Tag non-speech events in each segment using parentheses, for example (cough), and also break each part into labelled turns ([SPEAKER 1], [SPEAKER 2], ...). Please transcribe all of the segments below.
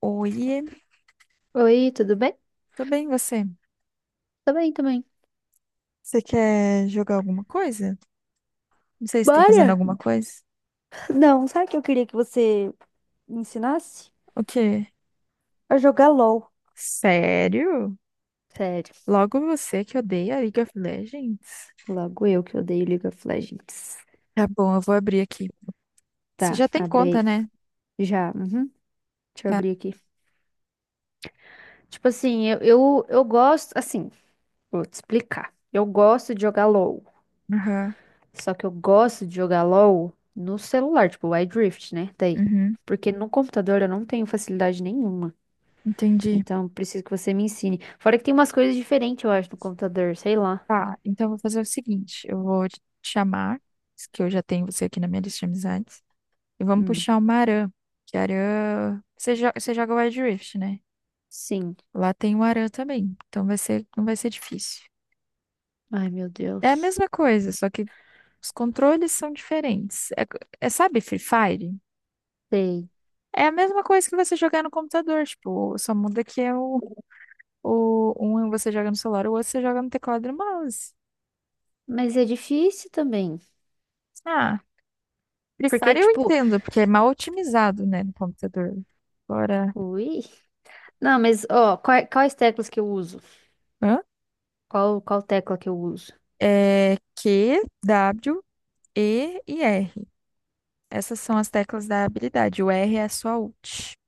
[SPEAKER 1] Oi,
[SPEAKER 2] Oi, tudo bem?
[SPEAKER 1] tudo bem você?
[SPEAKER 2] Tô bem também.
[SPEAKER 1] Você quer jogar alguma coisa? Não sei se tá fazendo
[SPEAKER 2] Bora?
[SPEAKER 1] alguma coisa.
[SPEAKER 2] Não, sabe o que eu queria que você me ensinasse?
[SPEAKER 1] O quê?
[SPEAKER 2] A jogar LOL.
[SPEAKER 1] Sério?
[SPEAKER 2] Sério,
[SPEAKER 1] Logo você que odeia League of Legends?
[SPEAKER 2] logo eu que odeio League of Legends.
[SPEAKER 1] Tá bom, eu vou abrir aqui. Você
[SPEAKER 2] Tá,
[SPEAKER 1] já tem
[SPEAKER 2] abre
[SPEAKER 1] conta,
[SPEAKER 2] aí.
[SPEAKER 1] né?
[SPEAKER 2] Já, uhum. Deixa eu
[SPEAKER 1] Tá.
[SPEAKER 2] abrir aqui. Tipo assim, eu gosto, assim, vou te explicar. Eu gosto de jogar LoL.
[SPEAKER 1] Aham.
[SPEAKER 2] Só que eu gosto de jogar LoL no celular, tipo, o iDrift, né? Daí.
[SPEAKER 1] Uhum.
[SPEAKER 2] Porque no computador eu não tenho facilidade nenhuma.
[SPEAKER 1] Entendi.
[SPEAKER 2] Então, preciso que você me ensine. Fora que tem umas coisas diferentes, eu acho, no computador, sei lá.
[SPEAKER 1] Tá, então eu vou fazer o seguinte: eu vou te chamar, que eu já tenho você aqui na minha lista de amizades, e vamos
[SPEAKER 2] Hum,
[SPEAKER 1] puxar uma Aran. Que Aran. Você, você joga Wild Rift, né?
[SPEAKER 2] sim.
[SPEAKER 1] Lá tem o Aran também, então não vai ser difícil.
[SPEAKER 2] Ai, meu
[SPEAKER 1] É a
[SPEAKER 2] Deus.
[SPEAKER 1] mesma coisa, só que os controles são diferentes. É, sabe, Free Fire?
[SPEAKER 2] Sei.
[SPEAKER 1] É a mesma coisa que você jogar no computador, tipo, só muda que é o um é você joga no celular, o outro você joga no teclado e no mouse.
[SPEAKER 2] Mas é difícil também.
[SPEAKER 1] Ah, Free
[SPEAKER 2] Porque,
[SPEAKER 1] Fire eu
[SPEAKER 2] tipo,
[SPEAKER 1] entendo, porque é mal otimizado, né, no computador. Agora,
[SPEAKER 2] ui. Não, mas, ó, quais teclas que eu uso?
[SPEAKER 1] hã?
[SPEAKER 2] Qual tecla que eu uso?
[SPEAKER 1] É Q, W, E e R. Essas são as teclas da habilidade. O R é a sua ult.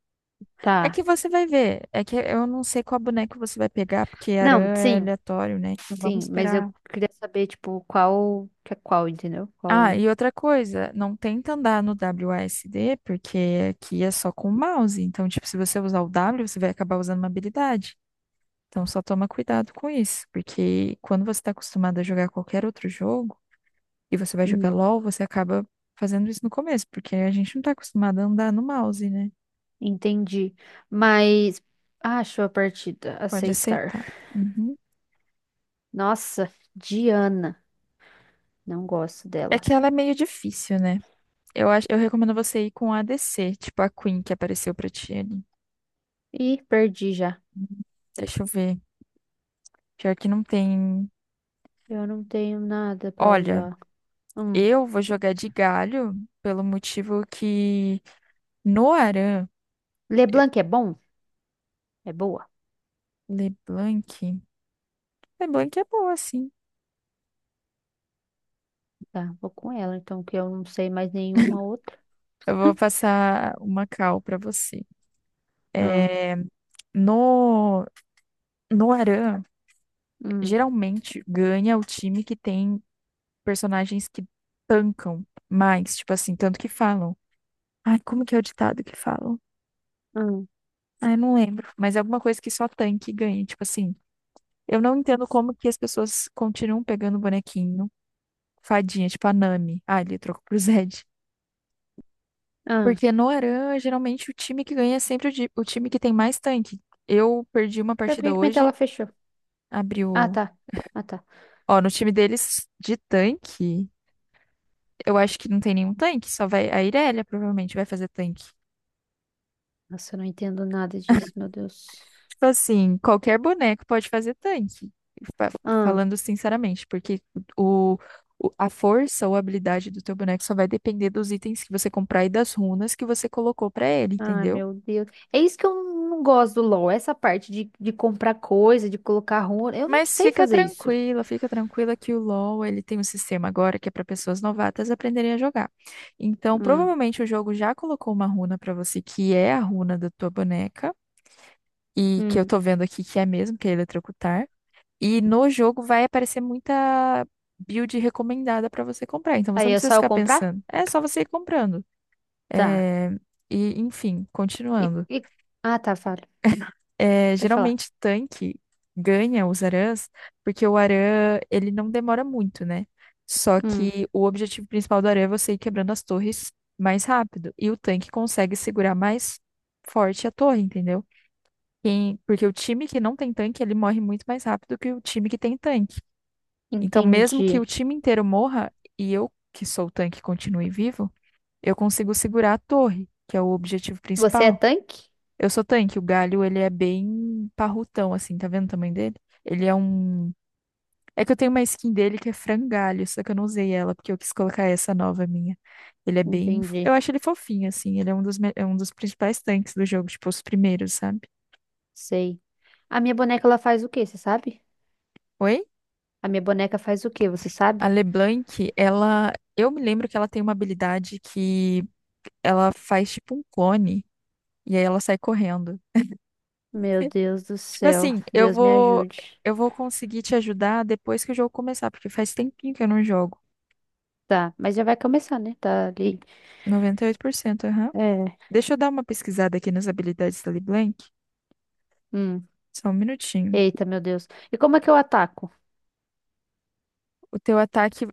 [SPEAKER 1] É
[SPEAKER 2] Tá.
[SPEAKER 1] que você vai ver. É que eu não sei qual boneco você vai pegar, porque Aran
[SPEAKER 2] Não,
[SPEAKER 1] é
[SPEAKER 2] sim,
[SPEAKER 1] aleatório, né? Então vamos
[SPEAKER 2] sim. Mas eu
[SPEAKER 1] esperar.
[SPEAKER 2] queria saber, tipo, qual, que é qual, entendeu?
[SPEAKER 1] Ah,
[SPEAKER 2] Qual.
[SPEAKER 1] e outra coisa, não tenta andar no WASD, porque aqui é só com o mouse. Então, tipo, se você usar o W, você vai acabar usando uma habilidade. Então, só toma cuidado com isso, porque quando você está acostumado a jogar qualquer outro jogo, e você vai jogar
[SPEAKER 2] Hum,
[SPEAKER 1] LOL, você acaba fazendo isso no começo, porque a gente não está acostumado a andar no mouse, né?
[SPEAKER 2] entendi. Mas. Acho a partida.
[SPEAKER 1] Pode
[SPEAKER 2] Aceitar.
[SPEAKER 1] aceitar. Uhum.
[SPEAKER 2] Nossa, Diana. Não gosto
[SPEAKER 1] É
[SPEAKER 2] dela.
[SPEAKER 1] que ela é meio difícil, né? Eu acho, eu recomendo você ir com a DC, tipo a Queen que apareceu pra ti ali.
[SPEAKER 2] Ih, perdi já.
[SPEAKER 1] Hum. Deixa eu ver. Pior que não tem.
[SPEAKER 2] Eu não tenho nada pra
[SPEAKER 1] Olha,
[SPEAKER 2] usar. Hum.
[SPEAKER 1] eu vou jogar de galho pelo motivo que Noaran,
[SPEAKER 2] Leblanc é bom? É boa.
[SPEAKER 1] LeBlanc. LeBlanc é boa, sim.
[SPEAKER 2] Tá, vou com ela, então, que eu não sei mais nenhuma outra.
[SPEAKER 1] Eu vou passar uma cal pra você.
[SPEAKER 2] Ah,
[SPEAKER 1] É, no Noaran,
[SPEAKER 2] hum,
[SPEAKER 1] geralmente ganha o time que tem personagens que tancam mais, tipo assim, tanto que falam. Ai, como que é o ditado que falam?
[SPEAKER 2] hum,
[SPEAKER 1] Ah, eu não lembro, mas é alguma coisa que só tanque ganha. Tipo assim, eu não entendo como que as pessoas continuam pegando bonequinho, fadinha, tipo a Nami. Ah, ele trocou pro Zed.
[SPEAKER 2] ah.
[SPEAKER 1] Porque no Aran, geralmente o time que ganha é sempre o, o time que tem mais tanque. Eu perdi uma
[SPEAKER 2] Mas por
[SPEAKER 1] partida
[SPEAKER 2] que que minha
[SPEAKER 1] hoje,
[SPEAKER 2] tela fechou?
[SPEAKER 1] abri
[SPEAKER 2] Ah,
[SPEAKER 1] o.
[SPEAKER 2] tá. Ah, tá.
[SPEAKER 1] Ó, no time deles de tanque, eu acho que não tem nenhum tanque, só vai. A Irelia provavelmente vai fazer tanque.
[SPEAKER 2] Nossa, eu não entendo nada disso, meu Deus.
[SPEAKER 1] Tipo assim, qualquer boneco pode fazer tanque. Fa-
[SPEAKER 2] Ah,
[SPEAKER 1] Falando sinceramente, porque o, a força ou habilidade do teu boneco só vai depender dos itens que você comprar e das runas que você colocou pra ele,
[SPEAKER 2] ah,
[SPEAKER 1] entendeu?
[SPEAKER 2] meu Deus. É isso que eu não gosto do LoL, essa parte de comprar coisa, de colocar runa. Eu não
[SPEAKER 1] Mas
[SPEAKER 2] sei fazer isso.
[SPEAKER 1] fica tranquila que o LoL, ele tem um sistema agora que é para pessoas novatas aprenderem a jogar. Então,
[SPEAKER 2] Hum,
[SPEAKER 1] provavelmente o jogo já colocou uma runa pra você que é a runa da tua boneca e que eu
[SPEAKER 2] hum.
[SPEAKER 1] tô vendo aqui que é mesmo, que é eletrocutar. E no jogo vai aparecer muita build recomendada para você comprar. Então você
[SPEAKER 2] Aí
[SPEAKER 1] não
[SPEAKER 2] é
[SPEAKER 1] precisa
[SPEAKER 2] só eu
[SPEAKER 1] ficar
[SPEAKER 2] comprar?
[SPEAKER 1] pensando. É só você ir comprando.
[SPEAKER 2] Tá.
[SPEAKER 1] É, Enfim, continuando.
[SPEAKER 2] E... Ah, tá, fala.
[SPEAKER 1] É,
[SPEAKER 2] Pode falar.
[SPEAKER 1] geralmente tanque ganha os Arãs, porque o Arã, ele não demora muito, né? Só
[SPEAKER 2] Hum,
[SPEAKER 1] que o objetivo principal do Arã é você ir quebrando as torres mais rápido. E o tanque consegue segurar mais forte a torre, entendeu? Porque o time que não tem tanque, ele morre muito mais rápido que o time que tem tanque. Então, mesmo que o
[SPEAKER 2] entendi.
[SPEAKER 1] time inteiro morra e eu, que sou o tanque, continue vivo, eu consigo segurar a torre, que é o objetivo
[SPEAKER 2] Você é
[SPEAKER 1] principal.
[SPEAKER 2] tanque?
[SPEAKER 1] Eu sou tanque, o galho, ele é bem parrutão, assim, tá vendo o tamanho dele? Ele é um. É que eu tenho uma skin dele que é frangalho, só que eu não usei ela, porque eu quis colocar essa nova minha. Ele é bem.
[SPEAKER 2] Entendi.
[SPEAKER 1] Eu acho ele fofinho, assim. Ele é um dos, é um dos principais tanques do jogo, tipo, os primeiros, sabe?
[SPEAKER 2] Sei. A minha boneca, ela faz o quê, você sabe?
[SPEAKER 1] Oi?
[SPEAKER 2] A minha boneca faz o quê, você
[SPEAKER 1] A
[SPEAKER 2] sabe?
[SPEAKER 1] LeBlanc, ela. Eu me lembro que ela tem uma habilidade que ela faz tipo um clone. E aí ela sai correndo.
[SPEAKER 2] Meu
[SPEAKER 1] É,
[SPEAKER 2] Deus do
[SPEAKER 1] tipo
[SPEAKER 2] céu.
[SPEAKER 1] assim, eu
[SPEAKER 2] Deus me
[SPEAKER 1] vou
[SPEAKER 2] ajude.
[SPEAKER 1] eu vou conseguir te ajudar depois que o jogo começar, porque faz tempinho que eu não jogo.
[SPEAKER 2] Tá, mas já vai começar, né? Tá ali.
[SPEAKER 1] 98%, aham.
[SPEAKER 2] É.
[SPEAKER 1] Deixa eu dar uma pesquisada aqui nas habilidades da LeBlanc.
[SPEAKER 2] Hum.
[SPEAKER 1] Só um minutinho.
[SPEAKER 2] Eita, meu Deus. E como é que eu ataco?
[SPEAKER 1] O teu ataque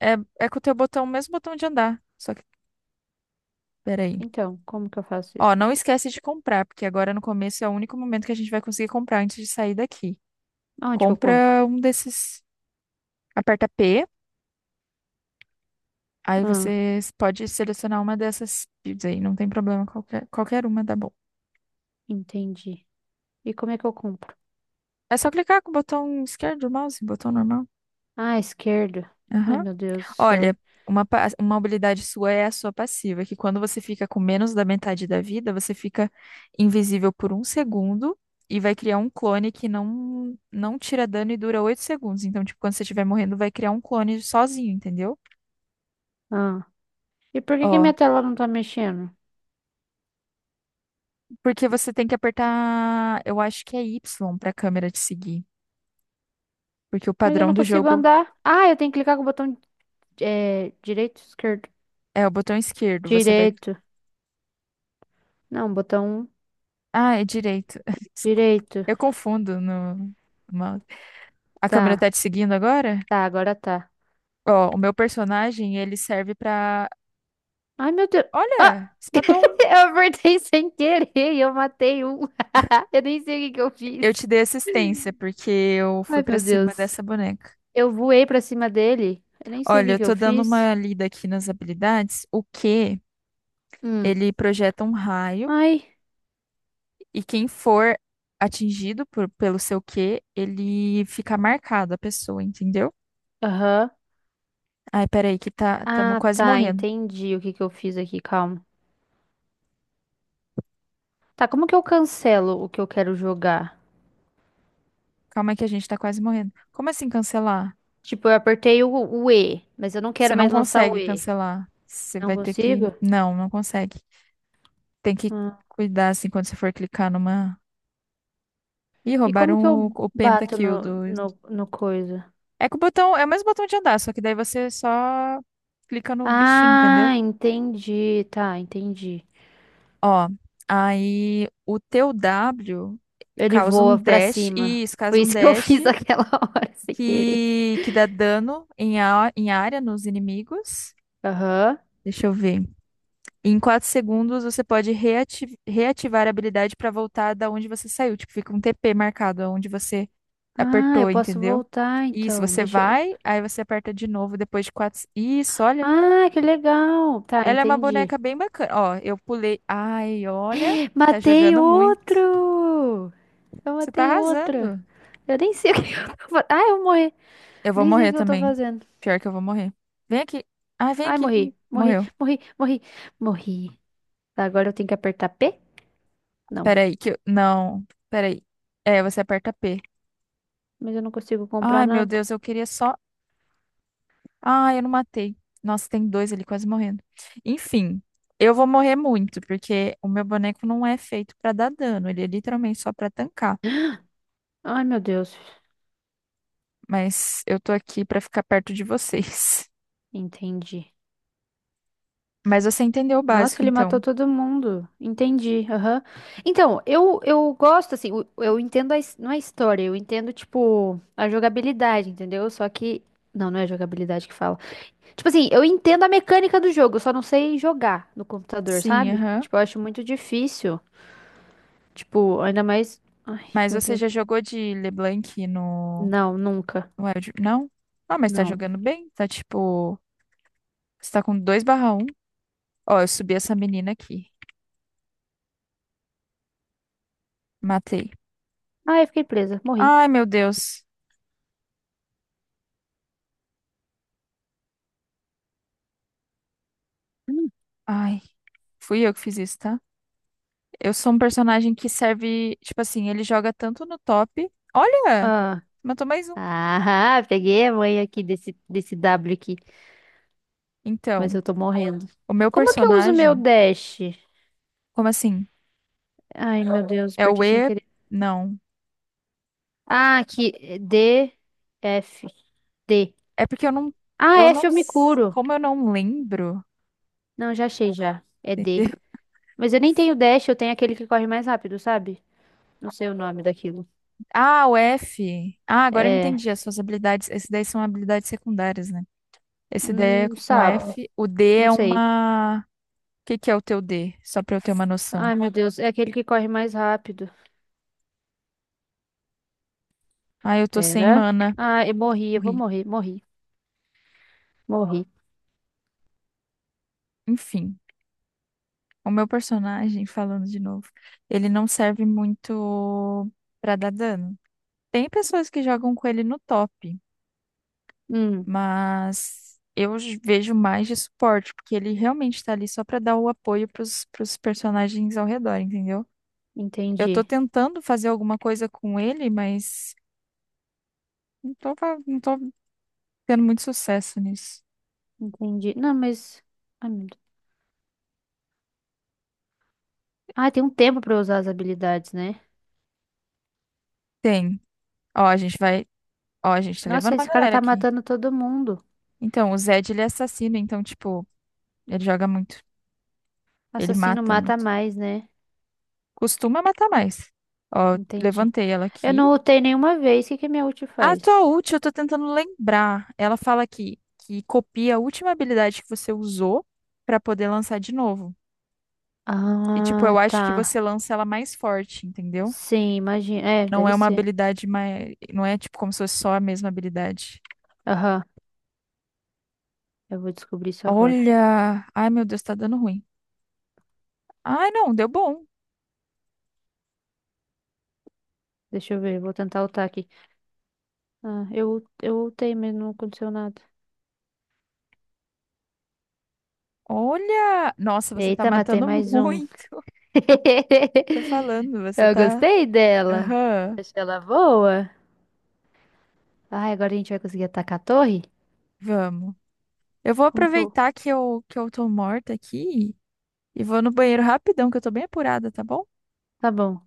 [SPEAKER 1] é, é com o teu botão, o mesmo botão de andar. Só que, peraí.
[SPEAKER 2] Então, como que eu faço
[SPEAKER 1] Ó,
[SPEAKER 2] isso?
[SPEAKER 1] não esquece de comprar, porque agora no começo é o único momento que a gente vai conseguir comprar antes de sair daqui.
[SPEAKER 2] Onde que eu compro?
[SPEAKER 1] Compra um desses. Aperta P. Aí
[SPEAKER 2] Ah,
[SPEAKER 1] você pode selecionar uma dessas fields aí, não tem problema, qualquer uma dá bom.
[SPEAKER 2] entendi. E como é que eu compro?
[SPEAKER 1] É só clicar com o botão esquerdo do mouse, botão normal.
[SPEAKER 2] Ah, esquerda. Ai,
[SPEAKER 1] Aham.
[SPEAKER 2] meu Deus do céu.
[SPEAKER 1] Olha, uma habilidade sua é a sua passiva, que quando você fica com menos da metade da vida, você fica invisível por um segundo e vai criar um clone que não, não tira dano e dura 8 segundos. Então, tipo, quando você estiver morrendo, vai criar um clone sozinho, entendeu?
[SPEAKER 2] Ah. E por que que
[SPEAKER 1] Ó,
[SPEAKER 2] minha tela não tá mexendo?
[SPEAKER 1] porque você tem que apertar, eu acho que é Y pra câmera te seguir. Porque o
[SPEAKER 2] Mas eu
[SPEAKER 1] padrão
[SPEAKER 2] não
[SPEAKER 1] do
[SPEAKER 2] consigo
[SPEAKER 1] jogo.
[SPEAKER 2] andar. Ah, eu tenho que clicar com o botão, é, direito, esquerdo.
[SPEAKER 1] É o botão esquerdo, você vai.
[SPEAKER 2] Direito. Não, botão
[SPEAKER 1] Ah, é direito. (laughs) Desculpa.
[SPEAKER 2] direito.
[SPEAKER 1] Eu confundo no mouse. A câmera
[SPEAKER 2] Tá.
[SPEAKER 1] tá te seguindo agora?
[SPEAKER 2] Tá, agora tá.
[SPEAKER 1] Ó, o meu personagem, ele serve pra.
[SPEAKER 2] Ai, meu Deus. Ah!
[SPEAKER 1] Olha, você matou um.
[SPEAKER 2] (laughs) Eu apertei sem querer e eu matei um. (laughs) Eu nem sei o que que eu fiz.
[SPEAKER 1] Eu te dei assistência, porque eu fui
[SPEAKER 2] Ai,
[SPEAKER 1] pra
[SPEAKER 2] meu
[SPEAKER 1] cima
[SPEAKER 2] Deus.
[SPEAKER 1] dessa boneca.
[SPEAKER 2] Eu voei pra cima dele. Eu nem sei o
[SPEAKER 1] Olha,
[SPEAKER 2] que
[SPEAKER 1] eu
[SPEAKER 2] que eu
[SPEAKER 1] tô dando
[SPEAKER 2] fiz.
[SPEAKER 1] uma lida aqui nas habilidades. O Q,
[SPEAKER 2] Hum.
[SPEAKER 1] ele projeta um raio,
[SPEAKER 2] Ai.
[SPEAKER 1] e quem for atingido pelo seu Q, ele fica marcado, a pessoa, entendeu?
[SPEAKER 2] Aham.
[SPEAKER 1] Ai, peraí, que tá, estamos
[SPEAKER 2] Ah,
[SPEAKER 1] quase
[SPEAKER 2] tá.
[SPEAKER 1] morrendo.
[SPEAKER 2] Entendi o que que eu fiz aqui. Calma. Tá, como que eu cancelo o que eu quero jogar?
[SPEAKER 1] Calma aí que a gente tá quase morrendo. Como assim cancelar?
[SPEAKER 2] Tipo, eu apertei o E, mas eu não
[SPEAKER 1] Você
[SPEAKER 2] quero
[SPEAKER 1] não
[SPEAKER 2] mais lançar o
[SPEAKER 1] consegue
[SPEAKER 2] E.
[SPEAKER 1] cancelar. Você
[SPEAKER 2] Não
[SPEAKER 1] vai ter que.
[SPEAKER 2] consigo?
[SPEAKER 1] Não, não consegue. Tem que
[SPEAKER 2] Hum.
[SPEAKER 1] cuidar assim quando você for clicar numa. Ih,
[SPEAKER 2] E como
[SPEAKER 1] roubaram
[SPEAKER 2] que
[SPEAKER 1] o,
[SPEAKER 2] eu
[SPEAKER 1] o
[SPEAKER 2] bato
[SPEAKER 1] pentakill
[SPEAKER 2] no,
[SPEAKER 1] do.
[SPEAKER 2] no, no coisa?
[SPEAKER 1] É que o botão. É o mesmo botão de andar, só que daí você só clica no bichinho, entendeu?
[SPEAKER 2] Ah, entendi. Tá, entendi.
[SPEAKER 1] Ó, aí o teu W
[SPEAKER 2] Ele
[SPEAKER 1] causa um
[SPEAKER 2] voa pra
[SPEAKER 1] dash.
[SPEAKER 2] cima.
[SPEAKER 1] Isso,
[SPEAKER 2] Foi
[SPEAKER 1] causa um
[SPEAKER 2] isso que eu (laughs)
[SPEAKER 1] dash
[SPEAKER 2] fiz aquela hora, sem querer.
[SPEAKER 1] que dá dano em, a, em área nos inimigos.
[SPEAKER 2] Aham.
[SPEAKER 1] Deixa eu ver. Em 4 segundos, você pode reativar a habilidade para voltar da onde você saiu. Tipo, fica um TP marcado onde você
[SPEAKER 2] Ah, eu
[SPEAKER 1] apertou,
[SPEAKER 2] posso
[SPEAKER 1] entendeu?
[SPEAKER 2] voltar
[SPEAKER 1] Isso,
[SPEAKER 2] então.
[SPEAKER 1] você
[SPEAKER 2] Deixa eu.
[SPEAKER 1] vai, aí você aperta de novo depois de 4. Isso, olha.
[SPEAKER 2] Ah, que legal. Tá,
[SPEAKER 1] Ela é uma
[SPEAKER 2] entendi.
[SPEAKER 1] boneca bem bacana. Ó, eu pulei. Ai, olha. Tá
[SPEAKER 2] Matei
[SPEAKER 1] jogando muito.
[SPEAKER 2] outro! Eu
[SPEAKER 1] Você tá
[SPEAKER 2] matei outro.
[SPEAKER 1] arrasando.
[SPEAKER 2] Eu nem sei o que (laughs) eu tô fazendo. Ah, eu morri.
[SPEAKER 1] Eu vou
[SPEAKER 2] Nem sei o
[SPEAKER 1] morrer
[SPEAKER 2] que eu tô
[SPEAKER 1] também.
[SPEAKER 2] fazendo.
[SPEAKER 1] Pior que eu vou morrer. Vem aqui. Ah, vem
[SPEAKER 2] Ai,
[SPEAKER 1] aqui
[SPEAKER 2] morri.
[SPEAKER 1] comigo.
[SPEAKER 2] Morri,
[SPEAKER 1] Morreu.
[SPEAKER 2] morri, morri, morri. Tá, agora eu tenho que apertar P? Não.
[SPEAKER 1] Peraí, que eu. Não. Peraí. É, você aperta P.
[SPEAKER 2] Mas eu não consigo comprar
[SPEAKER 1] Ai, meu
[SPEAKER 2] nada.
[SPEAKER 1] Deus, eu queria só. Ah, eu não matei. Nossa, tem dois ali quase morrendo. Enfim, eu vou morrer muito, porque o meu boneco não é feito pra dar dano. Ele é literalmente só pra tancar.
[SPEAKER 2] Ai, meu Deus.
[SPEAKER 1] Mas eu tô aqui pra ficar perto de vocês.
[SPEAKER 2] Entendi.
[SPEAKER 1] (laughs) Mas você entendeu o
[SPEAKER 2] Nossa,
[SPEAKER 1] básico,
[SPEAKER 2] ele matou
[SPEAKER 1] então?
[SPEAKER 2] todo mundo. Entendi. Aham. Então, eu gosto, assim, eu entendo a, his- não a história, eu entendo, tipo, a jogabilidade, entendeu? Só que. Não, não é jogabilidade que fala. Tipo assim, eu entendo a mecânica do jogo, eu só não sei jogar no computador,
[SPEAKER 1] Sim,
[SPEAKER 2] sabe?
[SPEAKER 1] aham.
[SPEAKER 2] Tipo, eu acho muito difícil. Tipo, ainda mais. Ai,
[SPEAKER 1] Mas
[SPEAKER 2] meu
[SPEAKER 1] você
[SPEAKER 2] Deus.
[SPEAKER 1] já jogou de LeBlanc no
[SPEAKER 2] Não, nunca.
[SPEAKER 1] no Wild? Não? Ah, mas tá
[SPEAKER 2] Não.
[SPEAKER 1] jogando bem? Tá tipo. Você tá com 2/1? Ó, eu subi essa menina aqui. Matei.
[SPEAKER 2] Ah, eu fiquei presa, morri.
[SPEAKER 1] Ai, meu Deus. Ai, fui eu que fiz isso, tá? Eu sou um personagem que serve, tipo assim, ele joga tanto no top. Olha,
[SPEAKER 2] Ah,
[SPEAKER 1] matou mais um.
[SPEAKER 2] ah, (laughs) peguei a mãe aqui desse W aqui. Mas
[SPEAKER 1] Então,
[SPEAKER 2] eu tô morrendo.
[SPEAKER 1] o meu
[SPEAKER 2] Como é que eu uso meu
[SPEAKER 1] personagem.
[SPEAKER 2] dash?
[SPEAKER 1] Como assim?
[SPEAKER 2] Ai, meu Deus,
[SPEAKER 1] É o
[SPEAKER 2] apertei sem
[SPEAKER 1] E?
[SPEAKER 2] querer.
[SPEAKER 1] Não.
[SPEAKER 2] Ah, aqui, é D, F, D.
[SPEAKER 1] É porque
[SPEAKER 2] Ah,
[SPEAKER 1] eu não,
[SPEAKER 2] F eu me
[SPEAKER 1] s-
[SPEAKER 2] curo.
[SPEAKER 1] como eu não lembro.
[SPEAKER 2] Não, já achei já. É D.
[SPEAKER 1] Entendeu?
[SPEAKER 2] Mas eu nem tenho
[SPEAKER 1] (laughs)
[SPEAKER 2] dash, eu tenho aquele que corre mais rápido, sabe? Não sei o nome daquilo.
[SPEAKER 1] Ah, o F. Ah, agora eu
[SPEAKER 2] É,
[SPEAKER 1] entendi as suas habilidades. Esse daí são habilidades secundárias, né? Esse daí é com
[SPEAKER 2] sabo,
[SPEAKER 1] F. O D
[SPEAKER 2] não
[SPEAKER 1] é
[SPEAKER 2] sei.
[SPEAKER 1] uma. O que que é o teu D? Só pra eu ter uma noção.
[SPEAKER 2] Ai, meu Deus, é aquele que corre mais rápido.
[SPEAKER 1] Ah, eu tô sem
[SPEAKER 2] Pera.
[SPEAKER 1] mana.
[SPEAKER 2] Ah, eu morri, eu vou
[SPEAKER 1] Morri.
[SPEAKER 2] morrer, morri, morri.
[SPEAKER 1] Enfim. O meu personagem, falando de novo, ele não serve muito pra dar dano. Tem pessoas que jogam com ele no top,
[SPEAKER 2] Hum,
[SPEAKER 1] mas eu vejo mais de suporte, porque ele realmente tá ali só pra dar o apoio pros personagens ao redor, entendeu? Eu tô
[SPEAKER 2] entendi,
[SPEAKER 1] tentando fazer alguma coisa com ele, mas não tô tendo muito sucesso nisso.
[SPEAKER 2] entendi. Não, mas... Ai, meu Deus. Ah, tem um tempo pra eu usar as habilidades, né?
[SPEAKER 1] Tem. Ó, a gente vai. Ó, a gente tá levando
[SPEAKER 2] Nossa,
[SPEAKER 1] uma
[SPEAKER 2] esse cara
[SPEAKER 1] galera
[SPEAKER 2] tá
[SPEAKER 1] aqui.
[SPEAKER 2] matando todo mundo.
[SPEAKER 1] Então, o Zed, ele é assassino, então, tipo, ele joga muito. Ele
[SPEAKER 2] Assassino
[SPEAKER 1] mata.
[SPEAKER 2] mata mais, né?
[SPEAKER 1] Costuma matar mais. Ó,
[SPEAKER 2] Entendi.
[SPEAKER 1] levantei ela
[SPEAKER 2] Eu
[SPEAKER 1] aqui.
[SPEAKER 2] não ultei nenhuma vez. O que que minha ult
[SPEAKER 1] A tua
[SPEAKER 2] faz?
[SPEAKER 1] ult, eu tô tentando lembrar. Ela fala aqui que copia a última habilidade que você usou pra poder lançar de novo. E, tipo,
[SPEAKER 2] Ah,
[SPEAKER 1] eu acho que
[SPEAKER 2] tá.
[SPEAKER 1] você lança ela mais forte, entendeu?
[SPEAKER 2] Sim, imagina. É,
[SPEAKER 1] Não
[SPEAKER 2] deve
[SPEAKER 1] é uma
[SPEAKER 2] ser.
[SPEAKER 1] habilidade mais. Não é, tipo, como se fosse só a mesma habilidade.
[SPEAKER 2] Aham, eu vou descobrir isso agora.
[SPEAKER 1] Olha! Ai, meu Deus, tá dando ruim. Ai, não, deu bom.
[SPEAKER 2] Deixa eu ver, vou tentar ultar aqui. Ah, eu ultei, mas não aconteceu nada.
[SPEAKER 1] Olha! Nossa, você tá
[SPEAKER 2] Eita, matei
[SPEAKER 1] matando
[SPEAKER 2] mais um.
[SPEAKER 1] muito.
[SPEAKER 2] (laughs)
[SPEAKER 1] (laughs) Tô falando, você
[SPEAKER 2] Eu
[SPEAKER 1] tá.
[SPEAKER 2] gostei dela.
[SPEAKER 1] Aham.
[SPEAKER 2] Achei ela boa. Ai, agora a gente vai conseguir atacar a torre?
[SPEAKER 1] Vamos. Eu vou
[SPEAKER 2] Como que eu...
[SPEAKER 1] aproveitar que eu tô morta aqui e vou no banheiro rapidão, que eu tô bem apurada, tá bom?
[SPEAKER 2] Tá bom.